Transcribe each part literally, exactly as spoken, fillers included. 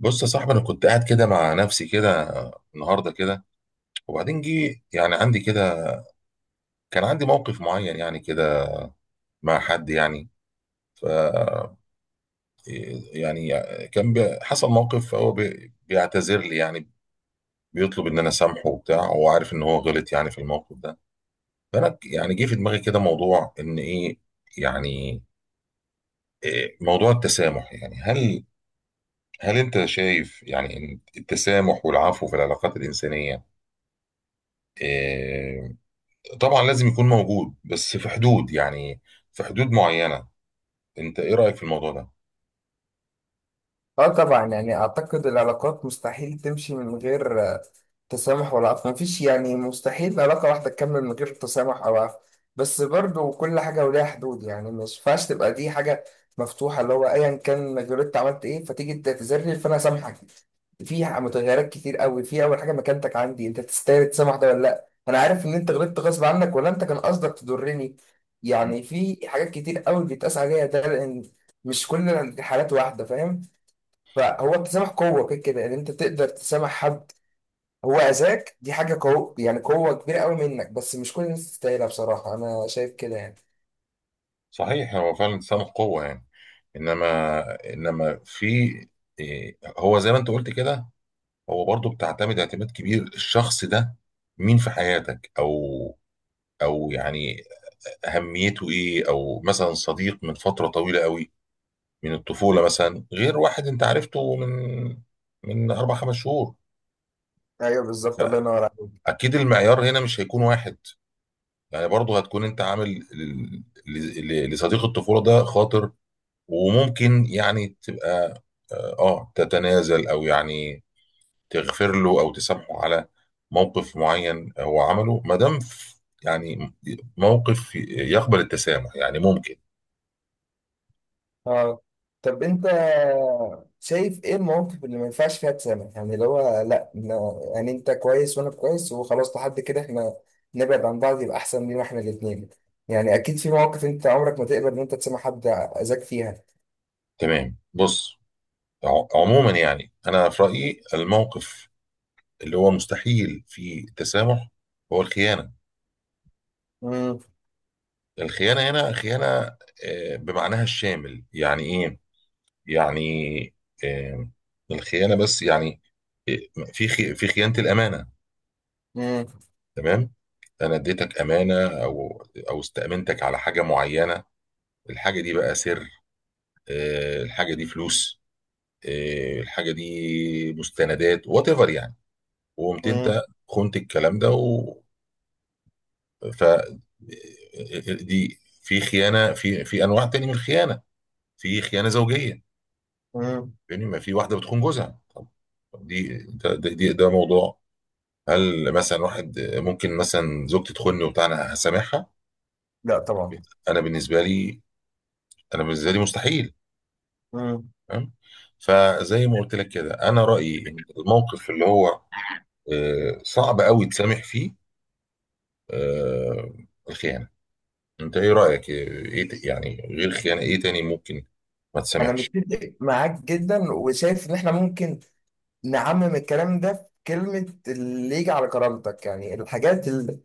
بص يا صاحبي، انا كنت قاعد كده مع نفسي كده النهارده كده. وبعدين جه يعني عندي كده، كان عندي موقف معين يعني كده مع حد يعني. ف يعني كان بي- حصل موقف، فهو بي- بيعتذر لي يعني، بيطلب ان انا اسامحه وبتاع، هو عارف ان هو غلط يعني في الموقف ده. فانا ك- يعني جه في دماغي كده موضوع ان ايه يعني، إيه موضوع التسامح يعني؟ هل هل انت شايف يعني إن التسامح والعفو في العلاقات الانسانيه، آه، طبعا لازم يكون موجود، بس في حدود يعني، في حدود معينة. انت ايه رأيك في الموضوع ده؟ اه، طبعا يعني اعتقد العلاقات مستحيل تمشي من غير آه، تسامح ولا عفو. مفيش يعني مستحيل علاقة واحدة تكمل من غير تسامح او عفو. بس برضو كل حاجة وليها حدود، يعني مش ينفعش تبقى دي حاجة مفتوحة اللي هو ايا كان غلطت عملت ايه فتيجي تعتذرلي فانا سامحك. فيها متغيرات كتير قوي. في اول حاجة، مكانتك عندي انت تستاهل تسامح ده ولا لا، انا عارف ان انت غلطت غصب عنك ولا انت كان قصدك تضرني. مم. يعني في حاجات كتير قوي بيتقاس عليها، ده لان مش كل الحالات واحدة، فاهم؟ فهو التسامح قوة، كده كده ان انت تقدر تسامح حد، هو اذاك دي حاجة قوة، يعني قوة كبيرة قوي منك، بس مش كل الناس تستاهلها. بصراحة انا شايف كده يعني. صحيح هو فعلا التسامح قوة يعني، انما انما في إيه، هو زي ما انت قلت كده هو برضو بتعتمد اعتماد كبير الشخص ده مين في حياتك او او يعني اهميته ايه، او مثلا صديق من فترة طويلة قوي، من الطفولة مثلا، غير واحد انت عرفته من من اربع خمس شهور. ايوه، بالظبط، الله ينور عليك. فاكيد المعيار هنا مش هيكون واحد. يعني برضه هتكون انت عامل ل- ل- لصديق الطفولة ده خاطر، وممكن يعني تبقى اه آه، تتنازل او يعني تغفر له او تسامحه على موقف معين هو عمله، ما دام ف- يعني موقف يقبل التسامح يعني ممكن. اه، طب انت شايف ايه المواقف اللي ما ينفعش فيها تسامح؟ يعني اللي هو لا، إن- يعني انت كويس وانا كويس وخلاص، لحد كده احنا نبعد عن بعض يبقى احسن لينا احنا الاتنين. يعني اكيد في مواقف انت عمرك ما تقبل ان انت تسامح حد اذاك فيها. تمام، بص، ع- عموما يعني انا في رأيي الموقف اللي هو مستحيل فيه تسامح هو الخيانة. امم. الخيانة هنا خيانة آه، بمعناها الشامل، يعني ايه، يعني آه، الخيانه بس يعني، آه، في خي- في خيانه الامانه. امم. تمام، انا اديتك امانه او او استامنتك على حاجه معينه. الحاجه دي بقى سر، آه، الحاجه دي فلوس، آه، الحاجه دي مستندات وات ايفر يعني. وقمت انت خنت الكلام ده و... ف آه، آه، دي في خيانه، في في انواع تاني من الخيانه. في خيانه زوجيه امم. يعني، ما في واحده بتخون جوزها. طب دي ده, ده, دي- ده موضوع. هل مثلا واحد ممكن مثلا زوجتي تخوني وبتاع، انا هسامحها؟ لا طبعا. انا بالنسبه لي انا بالنسبه لي مستحيل. مم. تمام. فزي ما قلت لك كده انا رايي ان الموقف اللي هو آه، صعب قوي تسامح فيه، آه، الخيانه. انت ايه رايك، ايه ت- يعني غير خيانه ايه تاني ممكن ما انا تسامحش؟ متفق معاك جدا، وشايف ان احنا ممكن نعمم الكلام ده في كلمة اللي يجي على كرامتك. يعني الحاجات اللي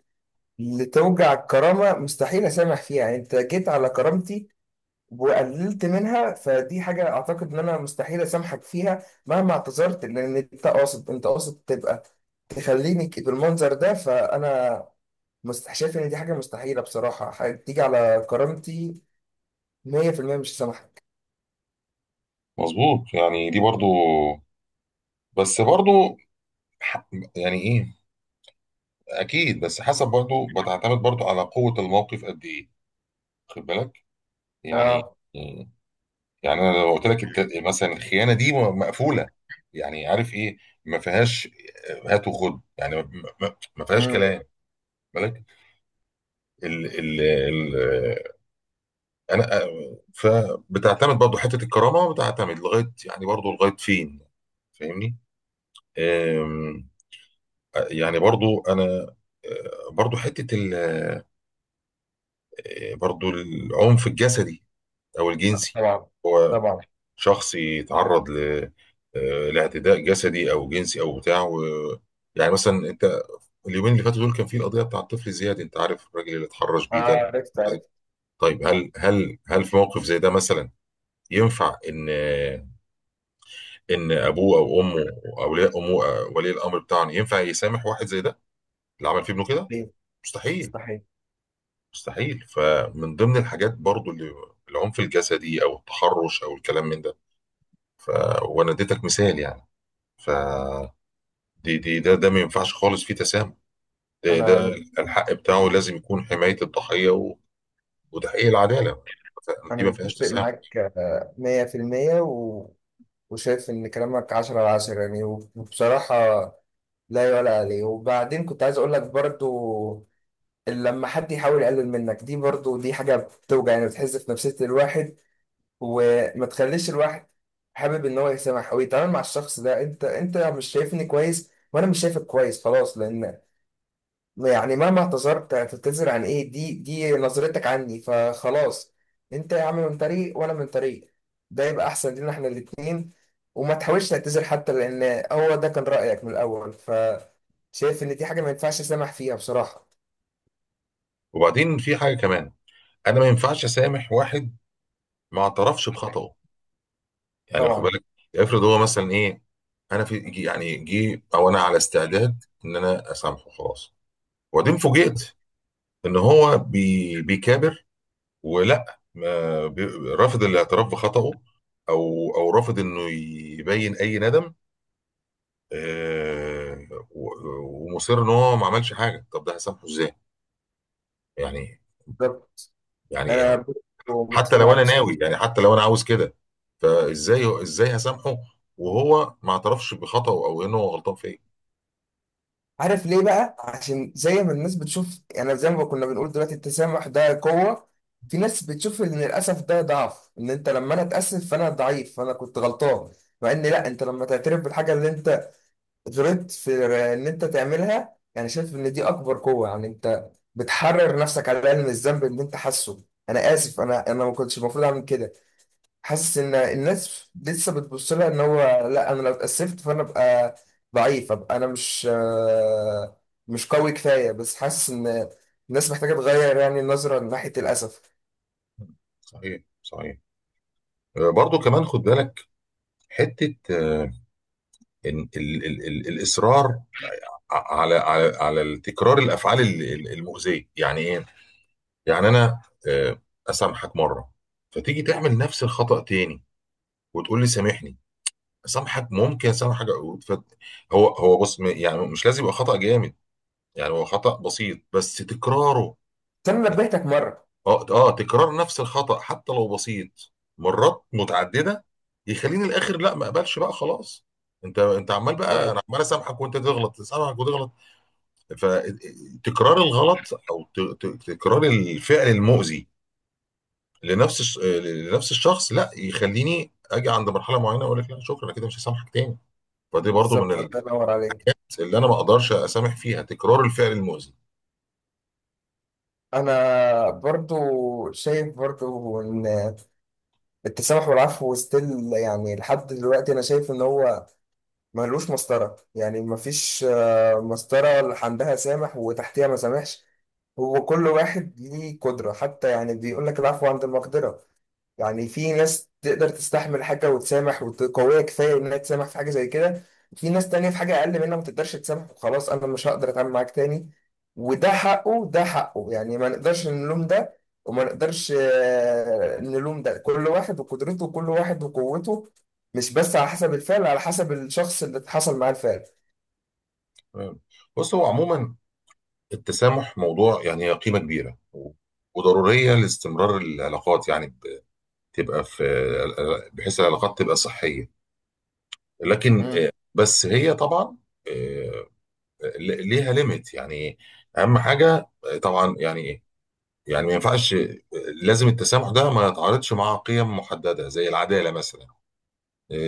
اللي توجع الكرامة مستحيل اسامح فيها. يعني انت جيت على كرامتي وقللت منها، فدي حاجة اعتقد ان انا مستحيل اسامحك فيها مهما اعتذرت، لان انت قاصد، انت قاصد تبقى تخليني ك- بالمنظر ده. فانا مست- شايف ان دي حاجة مستحيلة بصراحة. حاجة تيجي على كرامتي مية في المية مش هسامحك. مظبوط، يعني دي برضو، بس برضو ح- يعني ايه، اكيد بس حسب، برضو بتعتمد برضو على قوه الموقف قد ايه، خد بالك يعني. اه. آه، يعني انا لو قلت لك الت- مثلا الخيانه دي م- مقفوله، يعني عارف ايه، ما فيهاش هات وخد، يعني ما ما- ما فيهاش امم. كلام، بالك. ال ال ال انا فبتعتمد برضه حته الكرامه، بتعتمد لغايه يعني، برضه لغايه فين، فاهمني؟ أم، يعني برضه انا أه، برضه حته ال- أه، برضه العنف الجسدي او الجنسي. طبعا. طبعا. شخص يتعرض ل... آه، لاعتداء جسدي او جنسي او بتاع و... يعني مثلا انت اليومين اللي فاتوا دول كان في القضيه بتاع الطفل زياد. انت عارف الراجل اللي اتحرش اه، بيه ده؟ عرفت عرفت. طيب هل هل هل في موقف زي ده مثلا ينفع ان ان ابوه او امه او اولياء امه أو ولي الامر بتاعهم ينفع يسامح واحد زي ده اللي عمل في ابنه كده؟ ليه؟ مستحيل. مستحيل. مستحيل. فمن ضمن الحاجات برضو اللي العنف الجسدي او التحرش او الكلام من ده ف... وانا اديتك مثال يعني. ف دي دي ده ده ما ينفعش خالص فيه تسامح. ده انا ده مت- الحق بتاعه لازم يكون حماية الضحية و- وتحقيق العدالة. ف- دي انا ما فيهاش متفق تسامح. معاك آه، مية في المية و... وشايف ان كلامك عشرة على عشرة، يعني وبصراحة لا يعلى عليه. وبعدين كنت عايز اقول لك برضو، لما حد يحاول يقلل منك دي برضو دي حاجة بتوجع، يعني بتحز في نفسية الواحد، وما تخليش الواحد حابب ان هو يسامح او يتعامل مع الشخص ده. انت انت مش شايفني كويس، وانا مش شايفك كويس، خلاص. لان يعني مهما اعتذرت هتعتذر عن ايه، دي دي نظرتك عني، فخلاص. انت يا عم من طريق وانا من طريق، ده يبقى احسن لينا احنا الاتنين. وما تحاولش تعتذر حتى، لان هو ده كان رأيك من الاول، ف شايف ان دي حاجة ما ينفعش اسامح فيها بصراحة. وبعدين في حاجة كمان، أنا ما ينفعش أسامح واحد ما اعترفش بخطأه، يعني واخد طبعا. بالك؟ افرض هو مثلا إيه، أنا في جي- يعني جه، أو أنا على استعداد إن أنا أسامحه خلاص. وبعدين فوجئت إن هو بي بيكابر ولا ما بي- رافض الاعتراف بخطأه، أو أو رافض إنه يبين أي ندم، آه، و- ومصر ان هو ما عملش حاجه. طب ده هسامحه ازاي؟ يعني. بالظبط. يعني انا حتى متفق لو معاك. انا ناوي، يعني حتى لو انا عاوز كده، فازاي ازاي هسامحه وهو ما اعترفش بخطأه او انه هو غلطان في ايه؟ عارف ليه بقى؟ عشان زي ما الناس بتشوف، يعني زي ما كنا بنقول دلوقتي، التسامح ده قوة. في ناس بتشوف ان للاسف ده ضعف، ان انت لما انا اتأسف فانا ضعيف، فانا كنت غلطان. مع ان لا، انت لما تعترف بالحاجة اللي انت غلطت في ان انت تعملها، يعني شايف ان دي اكبر قوة. يعني انت بتحرر نفسك على الاقل من الذنب اللي انت حاسه. انا اسف، انا انا ما كنتش المفروض اعمل كده. حاسس ان الناس لسه بتبص لها ان هو لا، انا لو اتأسفت فانا ابقى ضعيف، ابقى انا مش آه، مش قوي كفايه. بس حاسس ان الناس محتاجه تغير يعني النظره ناحيه الاسف. صحيح صحيح. آه، برضو كمان خد بالك حته آه، إن ال ال ال الاصرار ع- على على على تكرار الافعال ال- ال- المؤذيه يعني ايه. يعني انا آه، اسامحك مره، فتيجي تعمل نفس الخطأ تاني وتقول لي سامحني. سامحك، ممكن سامحك عقود فت... هو هو بص، م- يعني مش لازم يبقى خطأ جامد، يعني هو خطأ بسيط بس تكراره. بس انا نبهتك مره. اه اه تكرار نفس الخطأ حتى لو بسيط مرات متعددة يخليني الاخر لا ما اقبلش بقى خلاص. انت انت عمال بقى، انا بالظبط. عمال اسامحك وانت تغلط، اسامحك وتغلط. فتكرار الغلط او ت... ت... تكرار الفعل المؤذي لنفس الش... لنفس الشخص لا، يخليني اجي عند مرحلة معينة اقول لك لا شكرا انا كده مش هسامحك تاني. فدي برضو بالظبط، من الله ينور عليك. اللي انا ما اقدرش اسامح فيها، تكرار الفعل المؤذي. انا برضو شايف برضو ان التسامح والعفو ستيل، يعني لحد دلوقتي انا شايف ان هو ملوش مسطره، يعني مفيش آه، مسطره اللي عندها سامح وتحتها ما سامحش. هو كل واحد ليه قدرة، حتى يعني بيقول لك العفو عند المقدرة. يعني في ناس تقدر تستحمل حاجة وتسامح وقوية كفاية إنها تسامح في حاجة زي كده، في ناس تانية في حاجة أقل منها ما تقدرش تسامح وخلاص، أنا مش هقدر أتعامل معاك تاني. وده حقه، ده حقه، يعني ما نقدرش نلوم ده، وما نقدرش آه، نلوم ده. كل واحد وقدرته، وكل واحد وقوته، مش بس على حسب الفعل، على حسب الشخص اللي حصل معاه الفعل. تمام. بص، هو عموما التسامح موضوع يعني قيمه كبيره و- وضروريه لاستمرار العلاقات، يعني ب- تبقى في، بحيث العلاقات تبقى صحيه. لكن امم. آه، بس هي طبعا آه، ل- ليها ليميت يعني. اهم حاجه آه، طبعا يعني ايه، يعني ما ينفعش آه، لازم التسامح ده ما يتعارضش مع قيم محدده زي العداله مثلا،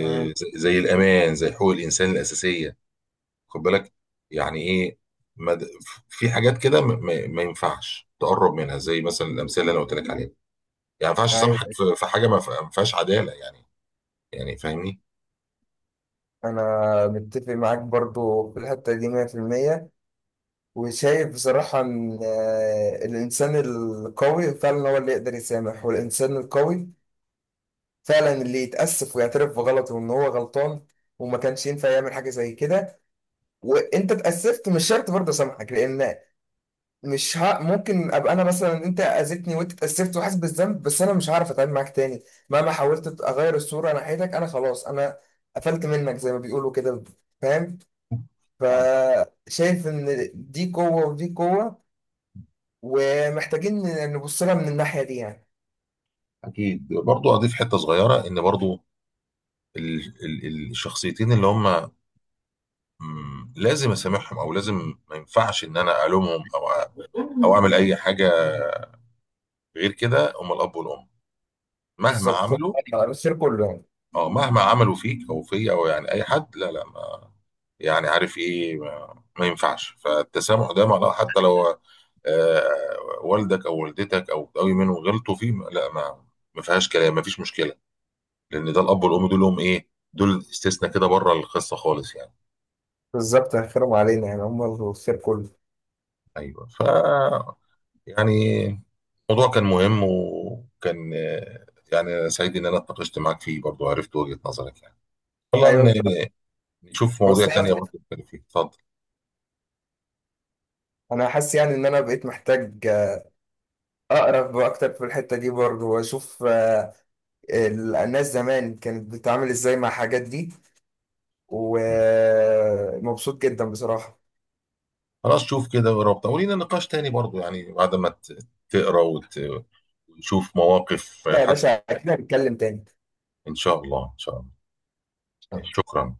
امم. زي زي الامان زي حقوق الانسان الاساسيه، خد بالك يعني ايه. مد... في حاجات كده م... م... ما ينفعش تقرب منها، زي مثلا الامثله اللي انا قلت لك عليها يعني. ما ينفعش ايوه، اسامحك في... في حاجه ما ف- ما فيهاش عداله، يعني، يعني فاهمني؟ انا متفق معاك برضو في الحته دي مية في المية، وشايف بصراحه ان آه، الانسان القوي فعلا هو اللي يقدر يسامح، والانسان القوي فعلا اللي يتاسف ويعترف بغلطه وان هو غلطان، وما كانش ينفع يعمل حاجه زي كده. وانت اتاسفت مش شرط برضه اسامحك، لان مش ها ممكن ابقى انا مثلا، انت اذيتني وانت اتاسفت وحاسس بالذنب، بس انا مش هعرف اتعامل معاك تاني. مهما حاولت اغير الصوره ناحيتك، انا خلاص انا قفلت منك زي ما بيقولوا كده، فاهم؟ طيب. فشايف ان دي قوة ودي قوة، ومحتاجين ن- نبص لها من الناحية دي يعني. اكيد برضو اضيف حته صغيره، ان برضو ال... ال... الشخصيتين اللي هم، مم، لازم اسامحهم، او لازم ما ينفعش ان انا الومهم او أ- او اعمل اي حاجه غير كده، هم الاب والام مهما بالظبط، هم عملوا. الخير كله يعني. اه، مهما عملوا فيك او فيا او يعني اي حد، لا لا ما، يعني عارف ايه، ما, ما ينفعش. فالتسامح ده معناه حتى لو آه والدك او والدتك او قوي منهم غلطوا فيه، ما- لا، ما ما فيهاش كلام، ما فيش مشكله. لان ده الاب والام دول هم ايه، دول استثناء كده بره القصه خالص يعني. بالظبط، هيخيرهم علينا، يعني هم الخير كله. ايوه، ف يعني الموضوع كان مهم وكان آه، يعني أنا سعيد ان انا اتناقشت معاك فيه، برضو عرفت وجهة نظرك يعني. والله ايوه، طب. إن- نشوف مواضيع بس تانية برضو نتكلم فيها. اتفضل. انا حاسس يعني ان انا بقيت محتاج اقرب اكتر في الحتة دي برضه، واشوف آه، ال- الناس زمان كانت بتتعامل ازاي مع الحاجات دي. ومبسوط جدا بصراحة. خلاص، شوف كده وربط ولينا نقاش تاني برضو، يعني بعد ما ت- تقرا وت- وتشوف مواقف لا يا حتى. باشا، اكيد هنتكلم تاني. ان شاء الله ان شاء الله، شكرا.